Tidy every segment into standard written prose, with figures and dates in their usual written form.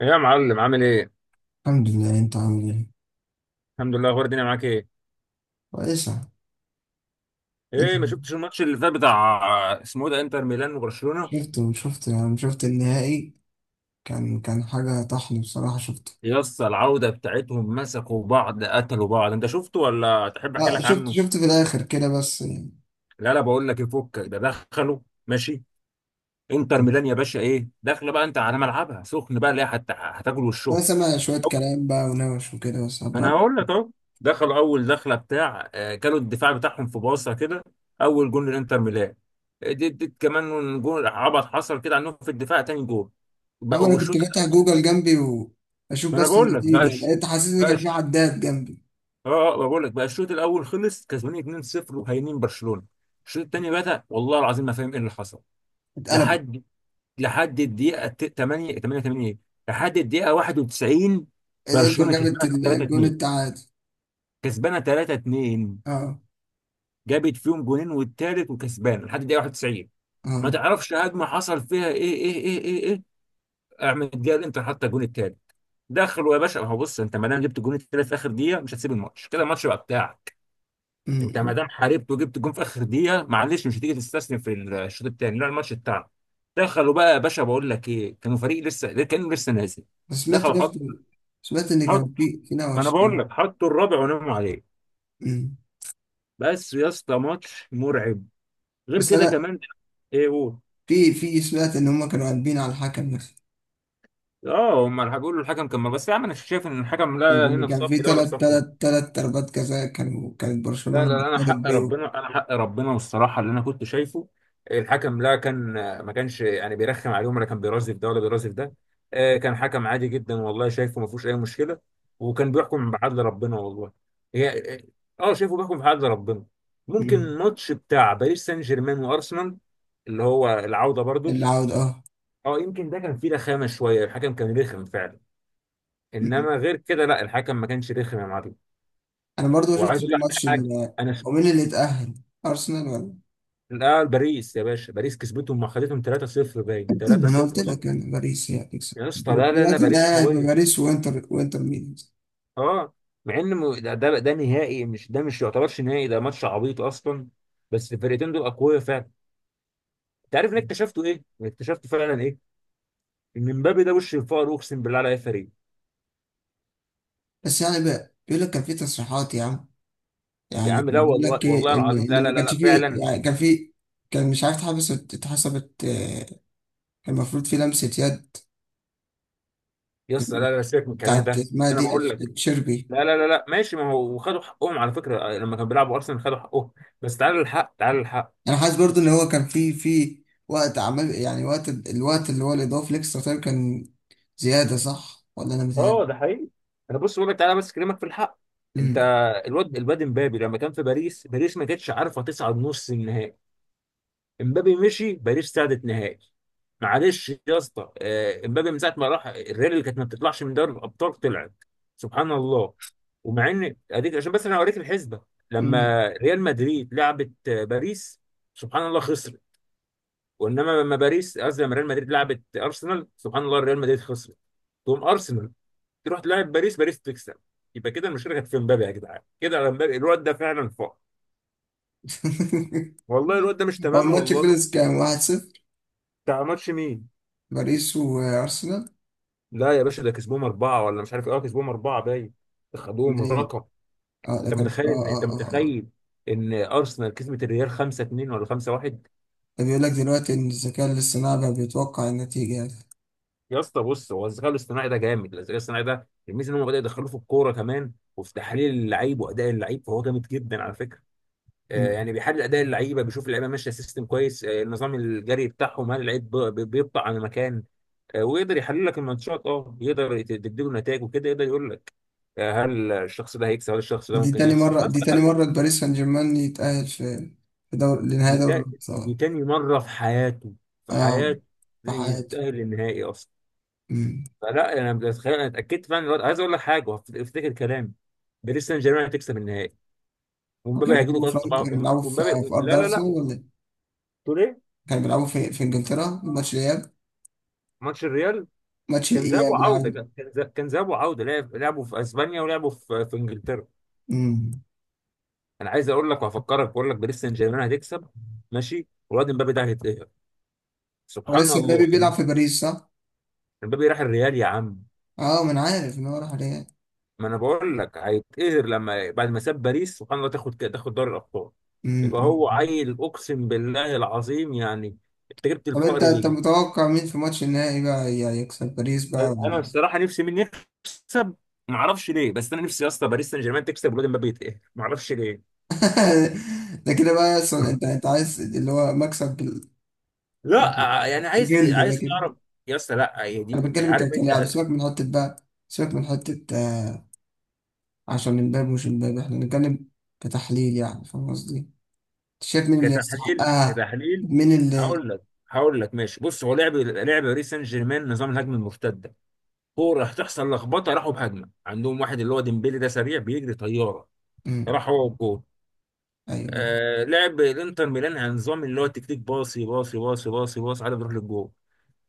إيه يا معلم عامل ايه؟ الحمد لله. انت عامل ايه؟ الحمد لله. اخبار الدنيا معاك ايه؟ كويسة. انت. ايه، ما شفتش الماتش اللي فات بتاع اسمه إيه ده، انتر ميلان وبرشلونة؟ شفت. شفت النهائي. كان حاجة طحن بصراحة شفته. يا اسطى العودة بتاعتهم مسكوا بعض، قتلوا بعض، انت شفته ولا تحب احكي لا لك شفت عنه؟ شفت في الآخر كده بس يعني. لا بقول لك، يفك ده دخلوا. ماشي. انتر ميلان يا باشا ايه؟ داخله بقى انت على ملعبها سخن بقى، اللي هي هتاكل أنا وشهم. سامع شوية كلام بقى ونوش وكده بس ما انا هقول لك اهو. دخلوا اول دخله بتاع، كانوا الدفاع بتاعهم في باصه كده. اول جون للانتر ميلان. دي كمان جون عبط حصل كده عنهم في الدفاع، تاني جون. أما بقى أنا كنت الشوط فاتح الاول. جوجل جنبي وأشوف ما انا بس بقول لك، النتيجة، بقاش لقيت حاسس إن كان في بقاش عداد جنبي. بقول لك بقى الشوط الاول خلص كسبانين 2-0 وهينين برشلونه. الشوط الثاني بدا، والله العظيم ما فاهم ايه اللي حصل. اتقلبت. لحد، لحد الدقيقه 8 88، لحد الدقيقه 91. الإنتر برشلونه جابت كسبانه الجون 3-2، التعادل. كسبانه 3-2. اه. جابت فيهم جونين والتالت وكسبان لحد دقيقه 91. ما اه. تعرفش هجمه حصل فيها ايه ايه ايه ايه ايه. احمد جال انت حتى الجون التالت. دخلوا يا باشا، ما هو بص، انت ما دام جبت الجون التالت في اخر دقيقه مش هتسيب الماتش كده، الماتش بقى بتاعك. انت ما امم. دام حاربت وجبت الجون في اخر دقيقه، معلش، مش هتيجي تستسلم في الشوط الثاني، لا الماتش بتاعك. دخلوا بقى يا باشا. بقول لك ايه، كانوا فريق لسه، كانوا لسه نازل. بس سمعت دخلوا حط، برضه. سمعت إن حط. كان في ما انا نوش بقول يعني. لك حطوا الرابع وناموا عليه. امم. بس يا اسطى، ماتش مرعب. غير بس كده أنا كمان. ايه، قول. في سمعت ان هم كانوا قلبين على الحكم بس. اه، هم الحاج بيقولوا الحكم كان، بس يا عم انا شايف ان الحكم لا ان هنا في كان في صف ده ولا في تلات صف ده. تلات تلات ضربات جزاء كانت لا برشلونة لا لا، انا بتطالب حق بيه. ربنا، انا حق ربنا، والصراحه اللي انا كنت شايفه، الحكم لا كان ما كانش يعني بيرخم عليهم ولا كان بيرازف ده ولا بيرازف ده. كان حكم عادي جدا والله، شايفه ما فيهوش اي مشكله. وكان بيحكم بعدل ربنا والله. هي، شايفه بيحكم بعدل ربنا. ممكن مم. الماتش بتاع باريس سان جيرمان وارسنال، اللي هو العوده برضو، العودة اه. اه يمكن ده كان فيه رخامه شويه، الحكم كان رخم فعلا. مم. انما غير كده لا، الحكم ما كانش رخم يا معلم. انا برضو ما وعايز شفتش اقول لك الماتش حاجه، ال- انا ش- هو مين اللي اتأهل؟ ارسنال ولا لا باريس يا باشا، باريس كسبتهم، ما خدتهم 3-0، باين ما انا 3-0 قلت اه. لك يعني باريس هي هتكسب يا اسطى لا لا لا، دلوقتي. باريس انا هيبقى قويه باريس وانتر ميلان. اه. مع ان ده نهائي، مش ده، مش يعتبرش نهائي، ده ماتش عبيط اصلا. بس الفرقتين دول اقوياء فعلا. انت عارف ان اكتشفته ايه؟ اكتشفت فعلا ايه؟ ان مبابي ده وش الفقر، اقسم بالله على اي فريق. بس يعني بقى بيقول لك كان في تصريحات يا عم. يا يعني عم لا، كان بيقول والله لك والله ايه، ان العظيم لا ان لا ما لا كانش لا، فيه، فعلا. يعني كان في. كان مش عارف اتحبس اتحسبت كان المفروض في لمسة يد يا اسطى لا لا، سيبك من الكلام بتاعت، ده، اسمها انا دي بقول لك. تشيربي. لا لا لا لا ماشي، ما هو وخدوا حقهم على فكرة، لما كانوا بيلعبوا أرسنال خدوا حقهم. بس تعالى للحق، تعالى للحق. انا حاسس برضو ان هو كان في وقت، عمل يعني الوقت اللي هو الاضافي الاكسترا تايم كان زياده، صح ولا انا اه ده متهيألي؟ حقيقي. أنا بص بقول لك، تعالى بس أكلمك في الحق. أنت، امم. الواد امبابي لما كان في باريس، باريس ما كانتش عارفة تصعد نص النهائي. امبابي مشي، باريس صعدت نهائي. معلش يا اسطى، امبابي من ساعة ما راح الريال، اللي كانت ما بتطلعش من دوري الأبطال طلعت. سبحان الله. ومع إن أديك، عشان بس أنا أوريك الحسبة. أمم. لما ريال مدريد لعبت باريس، سبحان الله خسر. وانما لما باريس، قصدي لما ريال مدريد لعبت ارسنال، سبحان الله ريال مدريد خسرت. تقوم ارسنال تروح تلعب باريس، باريس تكسب. يبقى كده المشكله كانت في مبابي، يا جدعان كده على مبابي الواد ده فعلا فوق. والله الواد ده مش هو تمام الماتش والله. خلص كام؟ 1-0؟ بتاع ماتش مين؟ باريس وارسنال؟ لا يا باشا ده كسبوهم اربعه، ولا مش عارف ايه، كسبوهم اربعه باين. خدوهم مدريد. رقم. اه ده انت كان متخيل، ان انت متخيل ان ارسنال كسبت الريال 5 2 ولا 5 1؟ ده بيقول لك دلوقتي ان الذكاء الاصطناعي بقى بيتوقع النتيجه يعني. يا اسطى بص، هو الذكاء الاصطناعي ده جامد. الذكاء الاصطناعي ده الميزه ان هم بدأوا يدخلوه في الكوره كمان، وفي تحليل اللعيب واداء اللعيب، فهو جامد جدا على فكره. أمم. يعني بيحلل اداء اللعيبه، بيشوف اللعيبه ماشيه سيستم كويس، النظام الجري بتاعهم، هل اللعيب بيبطأ عن مكان. ويقدر يحلل لك الماتشات، اه يقدر تديله نتائج وكده، يقدر يقول لك، هل الشخص ده هيكسب، هل الشخص ده دي ممكن تاني يخسر مره بس دي تاني تخلي. مره باريس سان جيرمان يتأهل في في دور لنهائي دي دوري تا- الابطال. دي تاني مره في حياته، في اه. حياته في حياته. يتأهل للنهائي اصلا. فلا انا بتخيل، انا اتاكدت فعلا دلوقتي. عايز اقول لك حاجه، افتكر كلامي، باريس سان جيرمان هتكسب النهائي. ومبابي كانوا هيجيله بيلعبوا في كارت لندن؟ كانوا طبعا. بيلعبوا في ومبابي أرض لا لا أرسنال لا ولا إيه؟ تقول ايه؟ كانوا بيلعبوا في إنجلترا، ماتش الإياب. ماتش الريال ماتش كان ذهاب الإياب، وعودة، العودة. كان ذهاب وعودة، لعبوا في اسبانيا ولعبوا في انجلترا. أمم. انا عايز اقول لك وهفكرك، بقول لك باريس سان جيرمان هتكسب. ماشي. والواد امبابي ده هيتقهر. هو سبحان لسه مبابي الله. بيلعب في باريس صح؟ امبابي راح الريال يا عم. أه، ما أنا عارف إن هو راح الريال. ما انا بقول لك هيتقهر لما بعد ما ساب باريس، سبحان الله، تاخد دوري الابطال. أمم، يبقى أمم. هو عيل، اقسم بالله العظيم يعني. انت جبت طب أنت الفقر أنت ليه؟ متوقع مين في ماتش النهائي بقى يكسب باريس بقى انا ولا- الصراحه نفسي مين يكسب. ما اعرفش ليه، بس انا نفسي يا اسطى باريس سان جيرمان تكسب والواد امبابي يتقهر، ما اعرفش ليه. ده كده بقى أنت عايز اللي هو مكسب لا، يعني عايز جلد ده عايز كده. تعرف. يا اسطى، لا هي أنا دي بتكلم عارف انت. كلاعب. سيبك من حتة بقى، سيبك من حتة عشان امبابي، مش امبابي احنا بنتكلم. كتحليل يعني، فاهم قصدي؟ شايف مين اللي كتحليل، يستحقها؟ كتحليل. مين اللي. هقول لك، هقول لك ماشي. بص، هو لعب، باريس سان جيرمان نظام الهجمه المرتده. كوره هتحصل لخبطه، راحوا بهجمه عندهم واحد اللي هو ديمبلي ده، سريع بيجري طياره، امم. راح هو والجول. ايوه، ايوه. آه، لعب الانتر ميلان على نظام اللي هو تكتيك باصي باصي باصي باصي باصي، على بيروح للجول.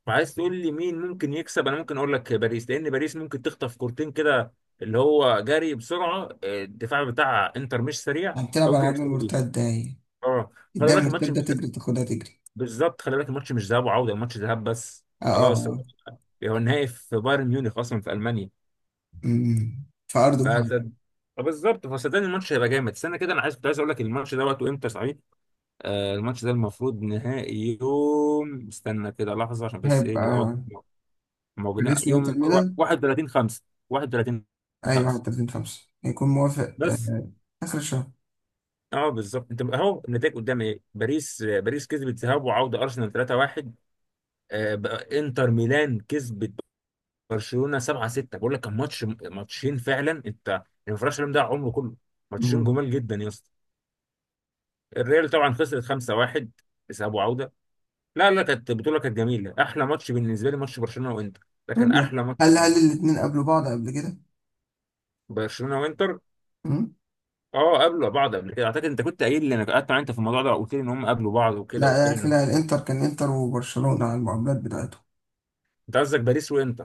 وعايز تقول لي مين ممكن يكسب؟ انا ممكن اقول لك باريس، لان باريس ممكن تخطف كورتين كده، اللي هو جري بسرعه، الدفاع بتاع انتر مش سريع، هتلعب على فممكن عجل يكسبوا دي المرتدة هي. اه. خلي اديها بالك الماتش مرتدة مش تجري، تاخدها تجري. بالظبط خلي بالك الماتش مش ذهاب وعوده، الماتش ذهاب بس. اه، اه. خلاص، هو، آه. هو النهائي في بايرن ميونخ اصلا، في المانيا. امم، في أرض محمد. فصد... بالظبط، فصدقني الماتش هيبقى جامد. استنى كده، انا عايز، كنت عايز اقول لك الماتش ده وقته امتى صحيح. آه، الماتش ده المفروض نهائي يوم، استنى كده لحظه عشان بس ايه، نبقى واضح. هيبقى موجودين باريس وإنتر يوم ميلان. 31 5، 31 أيوة 5 31/5 هيكون موافق بس. آه. آخر الشهر. اه بالظبط، انت اهو النتائج قدامي ايه. باريس، باريس كسبت ذهاب وعوده ارسنال 3-1، بقى انتر ميلان كسبت برشلونه 7-6. بقول لك كان ماتش، ماتشين فعلا انت، الانفراش ده عمره كله. ماتشين امم. جمال جدا يا اسطى. الريال طبعا خسرت 5-1 ذهاب وعوده. لا لا، كانت بطوله كانت جميله. احلى ماتش بالنسبه لي ماتش برشلونه وانتر ده، كان طيب، لا. احلى ماتش هل بالنسبة الاتنين قابلوا بعض قبل كده؟ لي، برشلونه وانتر. امم. اه قابلوا بعض قبل كده اعتقد، انت كنت قايل لي، انا قعدت معاك انت في الموضوع ده، قلت لي ان هم قابلوا بعض وكده، قلت لا، لي لا، ان، لا، الإنتر كان إنتر وبرشلونة على المقابلات بتاعته. انت قصدك باريس وانت.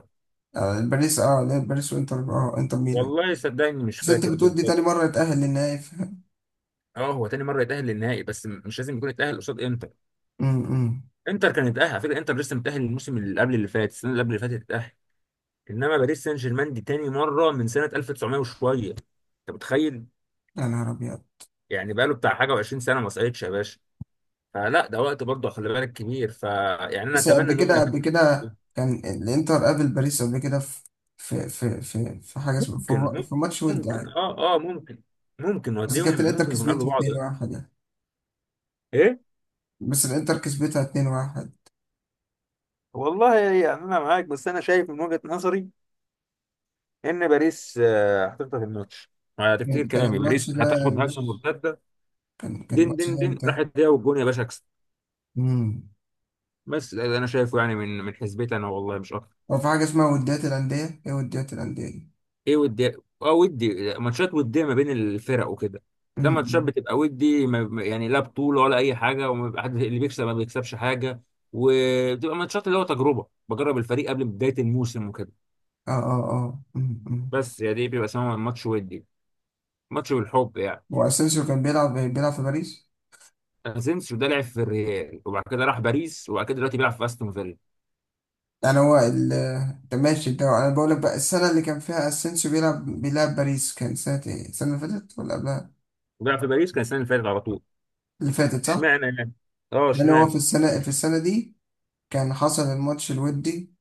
آه. باريس اه، لا باريس وإنتر. اه إنتر ميلان. والله صدقني مش بس أنت فاكر بتقول دي بالظبط. تاني مرة يتأهل للنهائي اه هو تاني مره يتاهل للنهائي، بس مش لازم يكون يتاهل قصاد انتر. امم. انتر كان يتاهل على فكره، انتر لسه متاهل الموسم اللي قبل اللي فات، السنه اللي قبل اللي فاتت اتاهل. انما باريس سان جيرمان دي تاني مره من سنه 1900 وشويه، انت متخيل؟ يا نهار أبيض. يعني بقاله بتاع حاجه و20 سنه ما صعدش يا باشا. فلا ده وقت برضه خلي بالك كبير، فيعني انا بس اتمنى قبل ان هم. كده قبل كده كان الإنتر قابل باريس قبل كده، في في في في في, حاجة اسمها، ممكن، في ماتش ود ممكن يعني. اه اه، ممكن، ممكن بس وهتلاقيهم كانت الإنتر ممكن يكونوا قابلوا كسبتها بعض. 2-1 يعني. ايه، بس الإنتر كسبتها 2-1. والله يعني انا معاك، بس انا شايف من وجهة نظري ان باريس، هتفضل في الماتش. هتفتكر كان كلامي، الماتش باريس ده هتاخد هجمه مش. مرتده، كان دين الماتش دين ده دين إمتى؟ راحت هي والجون يا باشا اكسب. امم. بس ده انا شايفه، يعني من حسبتي انا، والله مش اكتر. هو في حاجة اسمها وديات الأندية؟ إيه وديات الأندية دي؟ ايه ودي؟ اه، ودي ماتشات وديه ما بين الفرق وكده. ده ماتشات أمم. بتبقى ودي، يعني لا بطوله ولا اي حاجه، وما بيبقى حد اللي بيكسب ما بيكسبش حاجه. وبتبقى ماتشات اللي هو تجربه، بجرب الفريق قبل بدايه الموسم وكده. آه، آه، آه. أمم، أمم. بس يعني دي بيبقى اسمها ماتش ودي. ماتش بالحب يعني. وأسينسيو كان بيلعب في باريس. اسينسيو ده لعب في الريال، وبعد كده راح باريس، وبعد كده دلوقتي بيلعب في استون فيلا. انا هو ال- انت ماشي، ده انا بقول لك بقى السنه اللي كان فيها اسينسيو بيلعب باريس، كان سنه ايه؟ السنه اللي فاتت ولا قبلها؟ وبيلعب في باريس كان السنه اللي فاتت على طول. اللي فاتت، صح. اشمعنى يعني. اه، لان هو في اشمعنى. السنه، في السنه دي كان حصل الماتش الودي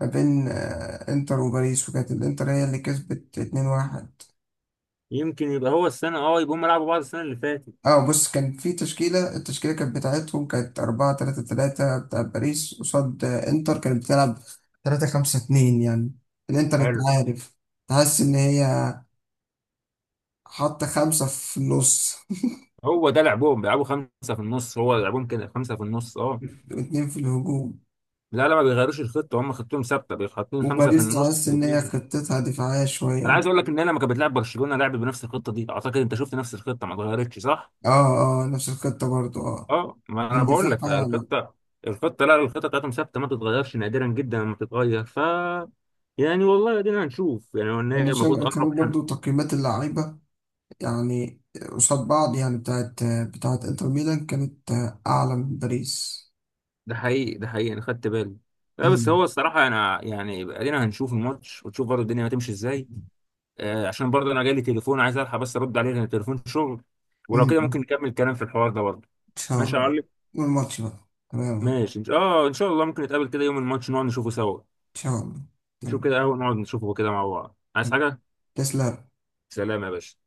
ما بين انتر وباريس، وكانت الانتر هي اللي كسبت 2-1. يمكن يبقى هو السنه، اه يبقى هم لعبوا بعض السنه اللي فاتت. اه بص، كان في تشكيله. التشكيله كانت بتاعتهم، كانت 4-3-3 بتاع باريس، قصاد انتر كانت بتلعب 3-5-2 يعني. الانتر انت حلو. عارف، تحس ان هي حط خمسة في النص هو ده لعبهم، بيلعبوا خمسة في النص، هو لعبهم كده خمسة في النص اه. واتنين في الهجوم. لا لا، ما بيغيروش الخطة، هم خطتهم ثابتة، بيحطين خمسة في وباريس النص تحس إن واتنين هي في. خطتها دفاعية أنا شوية. عايز أقول لك، إن أنا لما كانت بتلعب برشلونة لعبت بنفس الخطة دي، أعتقد أنت شفت نفس الخطة ما اتغيرتش صح؟ اه، اه، نفس الخطة برضو، اه. اه، ما أنا كان بقول لك، دفاعها يعني. فالخطة، الخطة لا، الخطة بتاعتهم ثابتة ما بتتغيرش، نادرا جدا لما بتتغير ف. يعني والله أدينا هنشوف، يعني هو وأنا النهائي شايف المفروض كانوا قرب حن. برضو تقييمات اللعيبة يعني، قصاد بعض يعني، بتاعت إنتر ميلان كانت أعلى من باريس. ده حقيقي، أنا خدت بالي. لا بس هو أمم. الصراحة أنا يعني أدينا هنشوف الماتش، وتشوف برضه الدنيا هتمشي إزاي. عشان برضه انا جالي تليفون، عايز الحق بس ارد عليه لان تليفون شغل. ولو كده أمم. ممكن نكمل كلام في الحوار ده برضه. إن شاء ماشي يا الله. معلم. والماتش بقى تمام إن اه ان شاء الله ممكن نتقابل كده يوم الماتش نقعد نشوفه سوا. شاء الله. نشوف تمام. كده قهوة، نقعد نشوفه كده مع بعض، عايز حاجة. تسلم. سلام يا باشا.